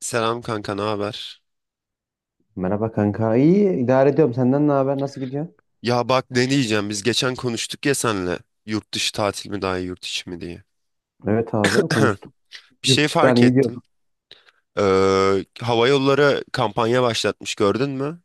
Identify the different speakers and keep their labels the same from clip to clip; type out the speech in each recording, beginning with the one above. Speaker 1: Selam kanka, ne haber?
Speaker 2: Merhaba kanka. İyi idare ediyorum. Senden ne haber? Nasıl gidiyor?
Speaker 1: Ya bak ne diyeceğim biz geçen konuştuk ya senle yurt dışı tatil mi daha iyi yurt içi mi diye.
Speaker 2: Evet abi konuştuk.
Speaker 1: Bir
Speaker 2: Yurt
Speaker 1: şey
Speaker 2: dışı falan
Speaker 1: fark
Speaker 2: iyi
Speaker 1: ettim.
Speaker 2: diyorduk.
Speaker 1: Hava yolları kampanya başlatmış gördün mü?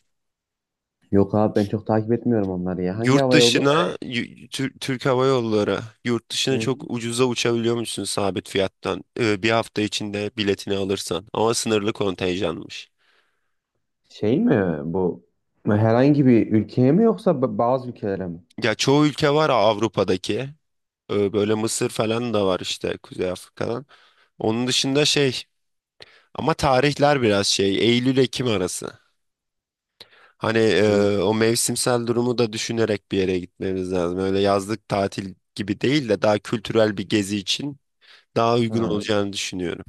Speaker 2: Yok abi ben çok takip etmiyorum onları ya. Hangi
Speaker 1: Yurt
Speaker 2: hava yolu?
Speaker 1: dışına Türk Hava Yolları yurt dışına
Speaker 2: Hı hı.
Speaker 1: çok ucuza uçabiliyormuşsun sabit fiyattan. Bir hafta içinde biletini alırsan ama sınırlı kontenjanmış.
Speaker 2: Şey mi bu? Herhangi bir ülkeye mi yoksa bazı ülkelere mi?
Speaker 1: Ya çoğu ülke var Avrupa'daki. Böyle Mısır falan da var işte Kuzey Afrika'dan. Onun dışında şey, ama tarihler biraz şey, Eylül-Ekim arası. Hani
Speaker 2: Değil.
Speaker 1: o mevsimsel durumu da düşünerek bir yere gitmemiz lazım. Öyle yazlık tatil gibi değil de daha kültürel bir gezi için daha uygun
Speaker 2: Ha.
Speaker 1: olacağını düşünüyorum.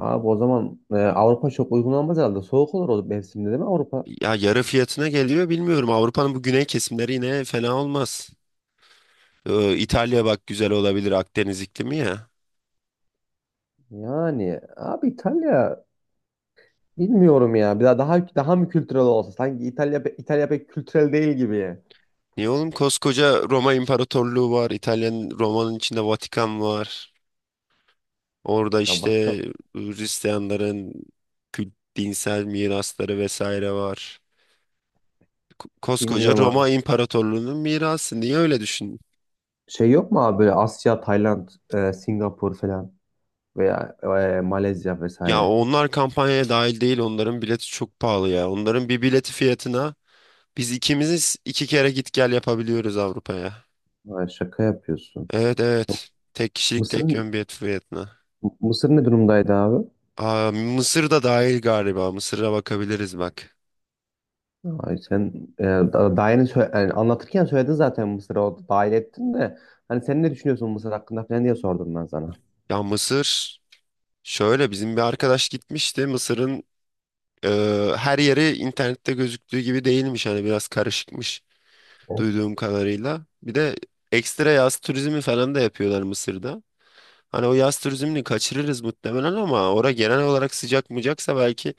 Speaker 2: Abi o zaman Avrupa çok uygun olmaz herhalde. Soğuk olur o mevsimde değil mi Avrupa?
Speaker 1: Ya yarı fiyatına geliyor bilmiyorum. Avrupa'nın bu güney kesimleri yine fena olmaz. İtalya bak güzel olabilir, Akdeniz iklimi ya.
Speaker 2: Yani abi İtalya bilmiyorum ya. Bir daha mı kültürel olsa? Sanki İtalya pek kültürel değil gibi.
Speaker 1: Niye oğlum, koskoca Roma İmparatorluğu var. İtalya'nın, Roma'nın içinde Vatikan var. Orada
Speaker 2: Ya
Speaker 1: işte
Speaker 2: başka
Speaker 1: Hristiyanların dinsel mirasları vesaire var. Koskoca
Speaker 2: bilmiyorum.
Speaker 1: Roma İmparatorluğu'nun mirası. Niye öyle düşün?
Speaker 2: Şey yok mu abi böyle Asya, Tayland, Singapur falan veya Malezya
Speaker 1: Ya
Speaker 2: vesaire.
Speaker 1: onlar kampanyaya dahil değil. Onların bileti çok pahalı ya. Onların bir bileti fiyatına biz ikimiz iki kere git gel yapabiliyoruz Avrupa'ya.
Speaker 2: Ay, şaka yapıyorsun.
Speaker 1: Evet,
Speaker 2: Yok.
Speaker 1: evet. Tek kişilik
Speaker 2: Mısır
Speaker 1: tek yön bilet fiyatına.
Speaker 2: Mısır ne durumdaydı abi?
Speaker 1: Aa, Mısır da dahil galiba. Mısır'a bakabiliriz bak.
Speaker 2: Ay sen daha yani anlatırken söyledin zaten Mısır'ı, o dahil ettin de hani sen ne düşünüyorsun Mısır hakkında falan diye sordum ben sana.
Speaker 1: Ya Mısır şöyle, bizim bir arkadaş gitmişti. Mısır'ın, Ee, her yeri internette gözüktüğü gibi değilmiş, hani biraz karışıkmış
Speaker 2: Evet.
Speaker 1: duyduğum kadarıyla. Bir de ekstra yaz turizmi falan da yapıyorlar Mısır'da. Hani o yaz turizmini kaçırırız muhtemelen ama ora genel olarak sıcak mıcaksa belki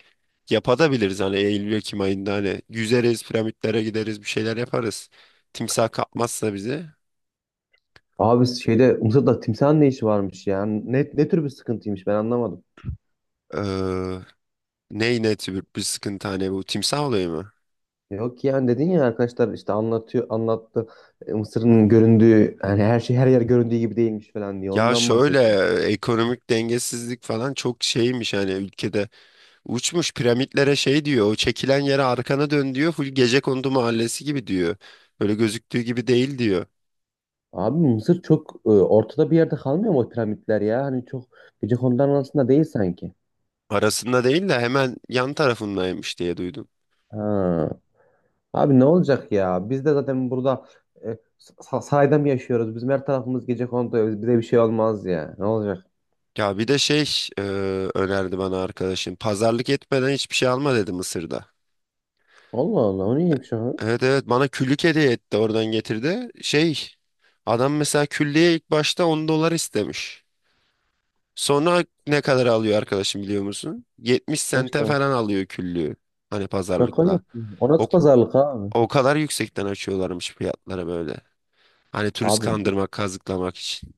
Speaker 1: yapabiliriz, hani Eylül-Ekim ayında hani yüzeriz, piramitlere gideriz, bir şeyler yaparız. Timsah kapmazsa bizi.
Speaker 2: Abi şeyde, Mısır'da timsahın ne işi varmış ya? Ne tür bir sıkıntıymış ben anlamadım.
Speaker 1: Ee, Ne tür bir sıkıntı, hani bu timsah olayı mı?
Speaker 2: Yok yani dedin ya, arkadaşlar işte anlatıyor, anlattı. Mısır'ın göründüğü yani, her şey her yer göründüğü gibi değilmiş falan diye
Speaker 1: Ya
Speaker 2: ondan
Speaker 1: şöyle,
Speaker 2: bahsediyorum.
Speaker 1: ekonomik dengesizlik falan çok şeymiş hani ülkede. Uçmuş piramitlere, şey diyor, o çekilen yere arkana dön diyor. Full Gecekondu mahallesi gibi diyor. Öyle gözüktüğü gibi değil diyor.
Speaker 2: Abi Mısır çok ortada bir yerde kalmıyor mu o piramitler ya? Hani çok Gecekondu'nun arasında değil sanki.
Speaker 1: Arasında değil de hemen yan tarafındaymış diye duydum.
Speaker 2: Ha. Abi ne olacak ya? Biz de zaten burada e, sahada mı yaşıyoruz? Bizim her tarafımız Gecekondu. Bize bir şey olmaz ya. Ne olacak?
Speaker 1: Ya bir de şey, e, önerdi bana arkadaşım. Pazarlık etmeden hiçbir şey alma dedi Mısır'da.
Speaker 2: Allah Allah, o neymiş o?
Speaker 1: Evet, evet, bana küllük hediye etti, oradan getirdi. Şey, adam mesela küllüğe ilk başta 10 dolar istemiş. Sonra ne kadar alıyor arkadaşım biliyor musun? 70 sente
Speaker 2: Şaka,
Speaker 1: falan alıyor küllüğü. Hani
Speaker 2: şaka
Speaker 1: pazarlıkla.
Speaker 2: yapıyorum. O
Speaker 1: O
Speaker 2: nasıl pazarlık abi?
Speaker 1: O kadar yüksekten açıyorlarmış fiyatlara böyle. Hani turist
Speaker 2: Abi
Speaker 1: kandırmak, kazıklamak için.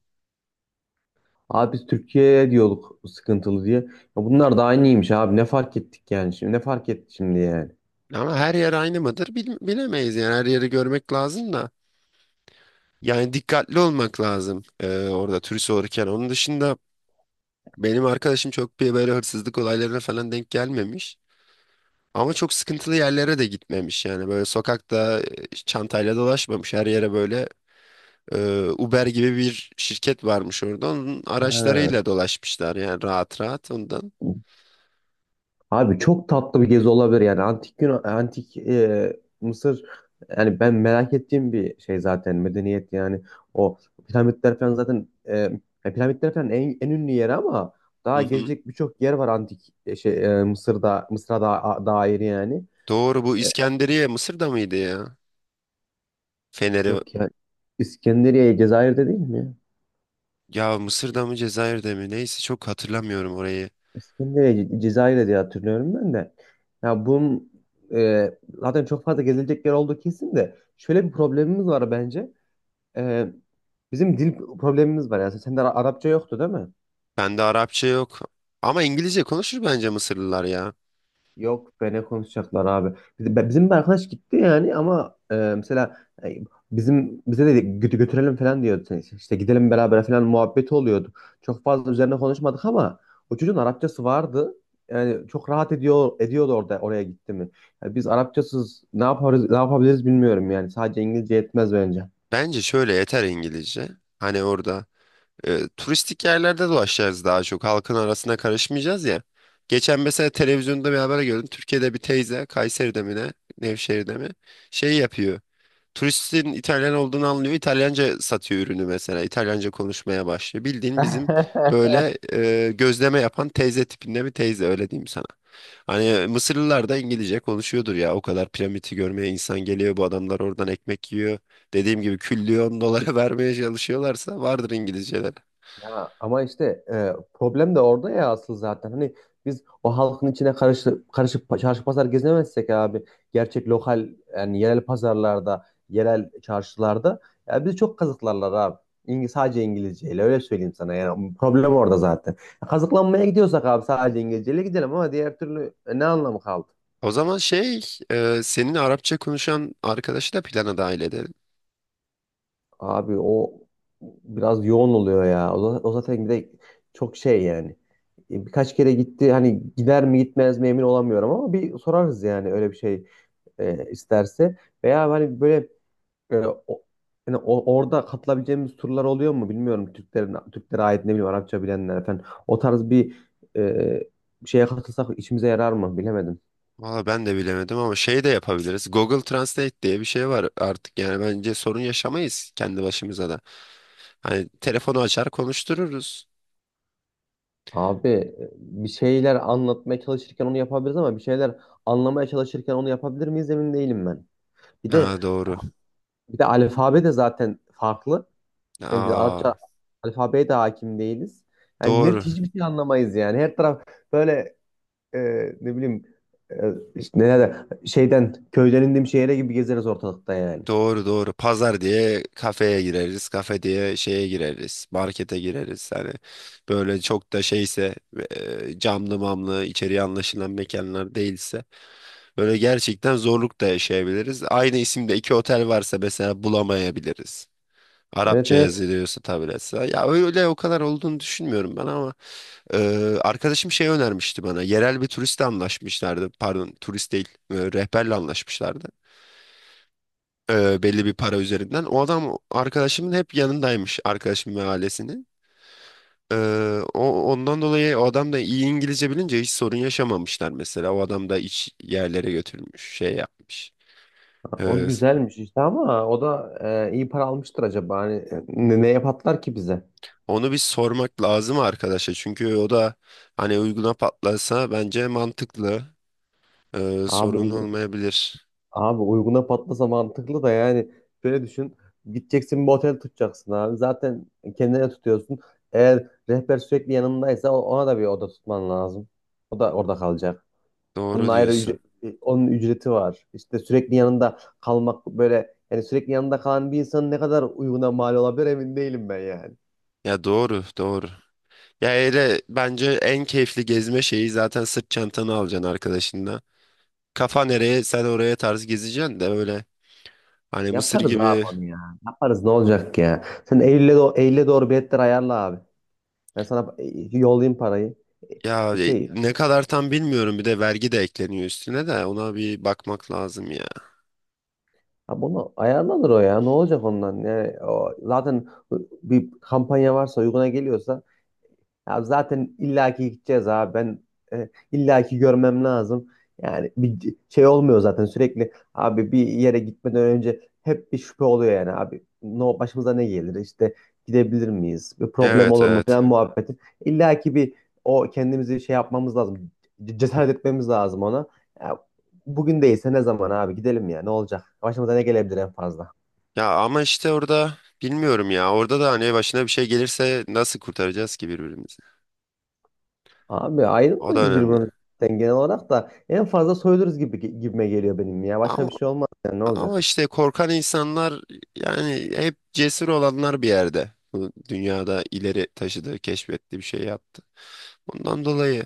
Speaker 2: Abi biz Türkiye'ye diyorduk sıkıntılı diye. Ya bunlar da aynıymış abi. Ne fark ettik yani şimdi? Ne fark etti şimdi yani?
Speaker 1: Ama her yer aynı mıdır, bilemeyiz yani, her yeri görmek lazım da. Yani dikkatli olmak lazım orada turist olurken. Onun dışında benim arkadaşım çok bir böyle hırsızlık olaylarına falan denk gelmemiş. Ama çok sıkıntılı yerlere de gitmemiş, yani böyle sokakta çantayla dolaşmamış her yere. Böyle Uber gibi bir şirket varmış orada, onun
Speaker 2: Ha.
Speaker 1: araçlarıyla dolaşmışlar yani rahat rahat ondan.
Speaker 2: Abi çok tatlı bir gezi olabilir yani, antik Yunan, antik Mısır, yani ben merak ettiğim bir şey zaten medeniyet. Yani o piramitler falan zaten, ya piramitler falan en ünlü yeri ama
Speaker 1: Hı
Speaker 2: daha
Speaker 1: hı.
Speaker 2: gezecek birçok yer var antik Mısır'a da, dair yani.
Speaker 1: Doğru, bu
Speaker 2: E,
Speaker 1: İskenderiye Mısır'da mıydı ya? Feneri,
Speaker 2: yok ya, İskenderiye Cezayir'de değil mi ya?
Speaker 1: ya Mısır'da mı Cezayir'de mi neyse, çok hatırlamıyorum orayı.
Speaker 2: İskenderiye Cezayir'de diye hatırlıyorum ben de. Ya bunun e, zaten çok fazla gezilecek yer olduğu kesin de şöyle bir problemimiz var bence. Ee, bizim dil problemimiz var yani. Sende Arapça yoktu değil mi?
Speaker 1: Bende Arapça yok ama İngilizce konuşur bence Mısırlılar ya.
Speaker 2: Yok be, ne konuşacaklar abi. Bizim bir arkadaş gitti yani ama mesela e, bizim, bize de götürelim falan diyordu. İşte gidelim beraber falan muhabbeti oluyordu. Çok fazla üzerine konuşmadık ama o çocuğun Arapçası vardı. Yani çok rahat ediyordu oraya gitti mi. Yani biz Arapçasız ne yaparız, ne yapabiliriz bilmiyorum yani. Sadece İngilizce yetmez bence.
Speaker 1: Bence şöyle yeter İngilizce. Hani orada turistik yerlerde dolaşacağız, daha çok halkın arasına karışmayacağız ya. Geçen mesela televizyonda bir haber gördüm. Türkiye'de bir teyze Kayseri'de mi ne, Nevşehir'de mi şey yapıyor. Turistin İtalyan olduğunu anlıyor. İtalyanca satıyor ürünü mesela. İtalyanca konuşmaya başlıyor. Bildiğin bizim böyle gözleme yapan teyze tipinde bir teyze, öyle diyeyim sana. Hani Mısırlılar da İngilizce konuşuyordur ya. O kadar piramidi görmeye insan geliyor. Bu adamlar oradan ekmek yiyor. Dediğim gibi küllyon dolara vermeye çalışıyorlarsa vardır İngilizceleri.
Speaker 2: Ya ama işte problem de orada ya asıl zaten. Hani biz o halkın içine karışıp çarşı pazar gezemezsek abi, gerçek lokal yani yerel pazarlarda, yerel çarşılarda ya bizi çok kazıklarlar abi. Sadece İngilizceyle, öyle söyleyeyim sana, yani problem orada zaten. Kazıklanmaya gidiyorsak abi sadece İngilizceyle gidelim ama diğer türlü ne anlamı kaldı?
Speaker 1: O zaman şey, senin Arapça konuşan arkadaşı da plana dahil edelim.
Speaker 2: Abi o biraz yoğun oluyor ya. O zaten bir de çok şey yani. Birkaç kere gitti, hani gider mi gitmez mi emin olamıyorum ama bir sorarız yani, öyle bir şey isterse. Veya hani böyle e, o, yani orada katılabileceğimiz turlar oluyor mu bilmiyorum. Türklerin, Türklere ait, ne bileyim Arapça bilenler falan. O tarz bir e, şeye katılsak işimize yarar mı bilemedim.
Speaker 1: Valla ben de bilemedim ama şey de yapabiliriz. Google Translate diye bir şey var artık, yani bence sorun yaşamayız kendi başımıza da. Hani telefonu açar konuştururuz.
Speaker 2: Abi bir şeyler anlatmaya çalışırken onu yapabiliriz ama bir şeyler anlamaya çalışırken onu yapabilir miyiz emin değilim ben. Bir de,
Speaker 1: Ha doğru.
Speaker 2: alfabe de zaten farklı. Yani bir de Arapça
Speaker 1: Aa
Speaker 2: alfabeye de hakim değiliz. Yani
Speaker 1: doğru.
Speaker 2: net hiçbir şey anlamayız yani. Her taraf böyle e, ne bileyim, işte neler, şeyden, köyden indiğim şehre gibi gezeriz ortalıkta yani.
Speaker 1: Doğru, doğru. Pazar diye kafeye gireriz, kafe diye şeye gireriz, markete gireriz. Hani böyle çok da şeyse, camlı mamlı içeriye anlaşılan mekanlar değilse, böyle gerçekten zorluk da yaşayabiliriz. Aynı isimde iki otel varsa mesela bulamayabiliriz.
Speaker 2: Evet,
Speaker 1: Arapça
Speaker 2: evet.
Speaker 1: yazılıyorsa, tabletse. Ya öyle o kadar olduğunu düşünmüyorum ben ama e, arkadaşım şey önermişti bana. Yerel bir turistle anlaşmışlardı. Pardon, turist değil, rehberle anlaşmışlardı. Belli bir para üzerinden. O adam arkadaşımın hep yanındaymış, arkadaşım ve ailesinin. E, o Ondan dolayı o adam da iyi İngilizce bilince hiç sorun yaşamamışlar mesela. O adam da iç yerlere götürmüş, şey yapmış.
Speaker 2: O
Speaker 1: E,
Speaker 2: güzelmiş işte ama o da iyi para almıştır acaba. Hani neye patlar ki bize?
Speaker 1: Onu bir sormak lazım arkadaşa, çünkü o da hani uyguna patlasa bence mantıklı.
Speaker 2: Abi
Speaker 1: Sorun olmayabilir.
Speaker 2: Abi uyguna patlasa mantıklı da, yani şöyle düşün. Gideceksin, bir otel tutacaksın abi. Zaten kendine tutuyorsun. Eğer rehber sürekli yanındaysa ona da bir oda tutman lazım. O da orada kalacak. Onun
Speaker 1: Doğru
Speaker 2: ayrı
Speaker 1: diyorsun.
Speaker 2: ücret, onun ücreti var. İşte sürekli yanında kalmak böyle, yani sürekli yanında kalan bir insanın ne kadar uyguna mal olabilir emin değilim ben yani.
Speaker 1: Ya doğru, doğru. Ya öyle bence en keyifli gezme şeyi, zaten sırt çantanı alacaksın arkadaşınla. Kafa nereye sen oraya tarz gezeceksin de öyle, hani Mısır
Speaker 2: Yaparız abi
Speaker 1: gibi
Speaker 2: onu ya. Yaparız, ne olacak ya. Sen Eylül'e Eylül'e doğru biletler ayarla abi. Ben sana yollayayım parayı.
Speaker 1: ya,
Speaker 2: E, Şey
Speaker 1: ne kadar tam bilmiyorum, bir de vergi de ekleniyor üstüne, de ona bir bakmak lazım ya.
Speaker 2: Ha bunu ayarlanır o ya. Ne olacak ondan? Yani o zaten bir kampanya varsa, uyguna geliyorsa, ya zaten illaki gideceğiz abi. Ben illaki görmem lazım. Yani bir şey olmuyor zaten sürekli. Abi bir yere gitmeden önce hep bir şüphe oluyor yani abi. No, başımıza ne gelir? İşte gidebilir miyiz? Bir problem
Speaker 1: Evet,
Speaker 2: olur mu
Speaker 1: evet.
Speaker 2: falan muhabbeti. İllaki bir, o kendimizi şey yapmamız lazım. Cesaret etmemiz lazım ona. Ya, bugün değilse ne zaman abi, gidelim ya, ne olacak? Başımıza ne gelebilir en fazla?
Speaker 1: Ya ama işte orada bilmiyorum ya, orada da hani başına bir şey gelirse nasıl kurtaracağız ki birbirimizi?
Speaker 2: Abi
Speaker 1: O da
Speaker 2: ayrılmayız
Speaker 1: önemli.
Speaker 2: birbirimizden genel olarak, da en fazla soyuluruz gibime geliyor benim ya. Başka
Speaker 1: Ama
Speaker 2: bir şey olmaz yani, ne
Speaker 1: Ama
Speaker 2: olacak?
Speaker 1: işte korkan insanlar, yani hep cesur olanlar bir yerde bu dünyada ileri taşıdı, keşfetti, bir şey yaptı. Ondan dolayı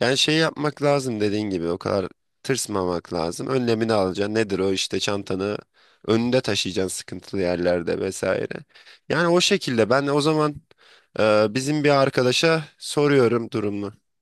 Speaker 1: yani şey yapmak lazım, dediğin gibi o kadar tırsmamak lazım. Önlemini alacaksın. Nedir o, işte çantanı önünde taşıyacaksın sıkıntılı yerlerde vesaire. Yani o şekilde ben o zaman bizim bir arkadaşa soruyorum durumu.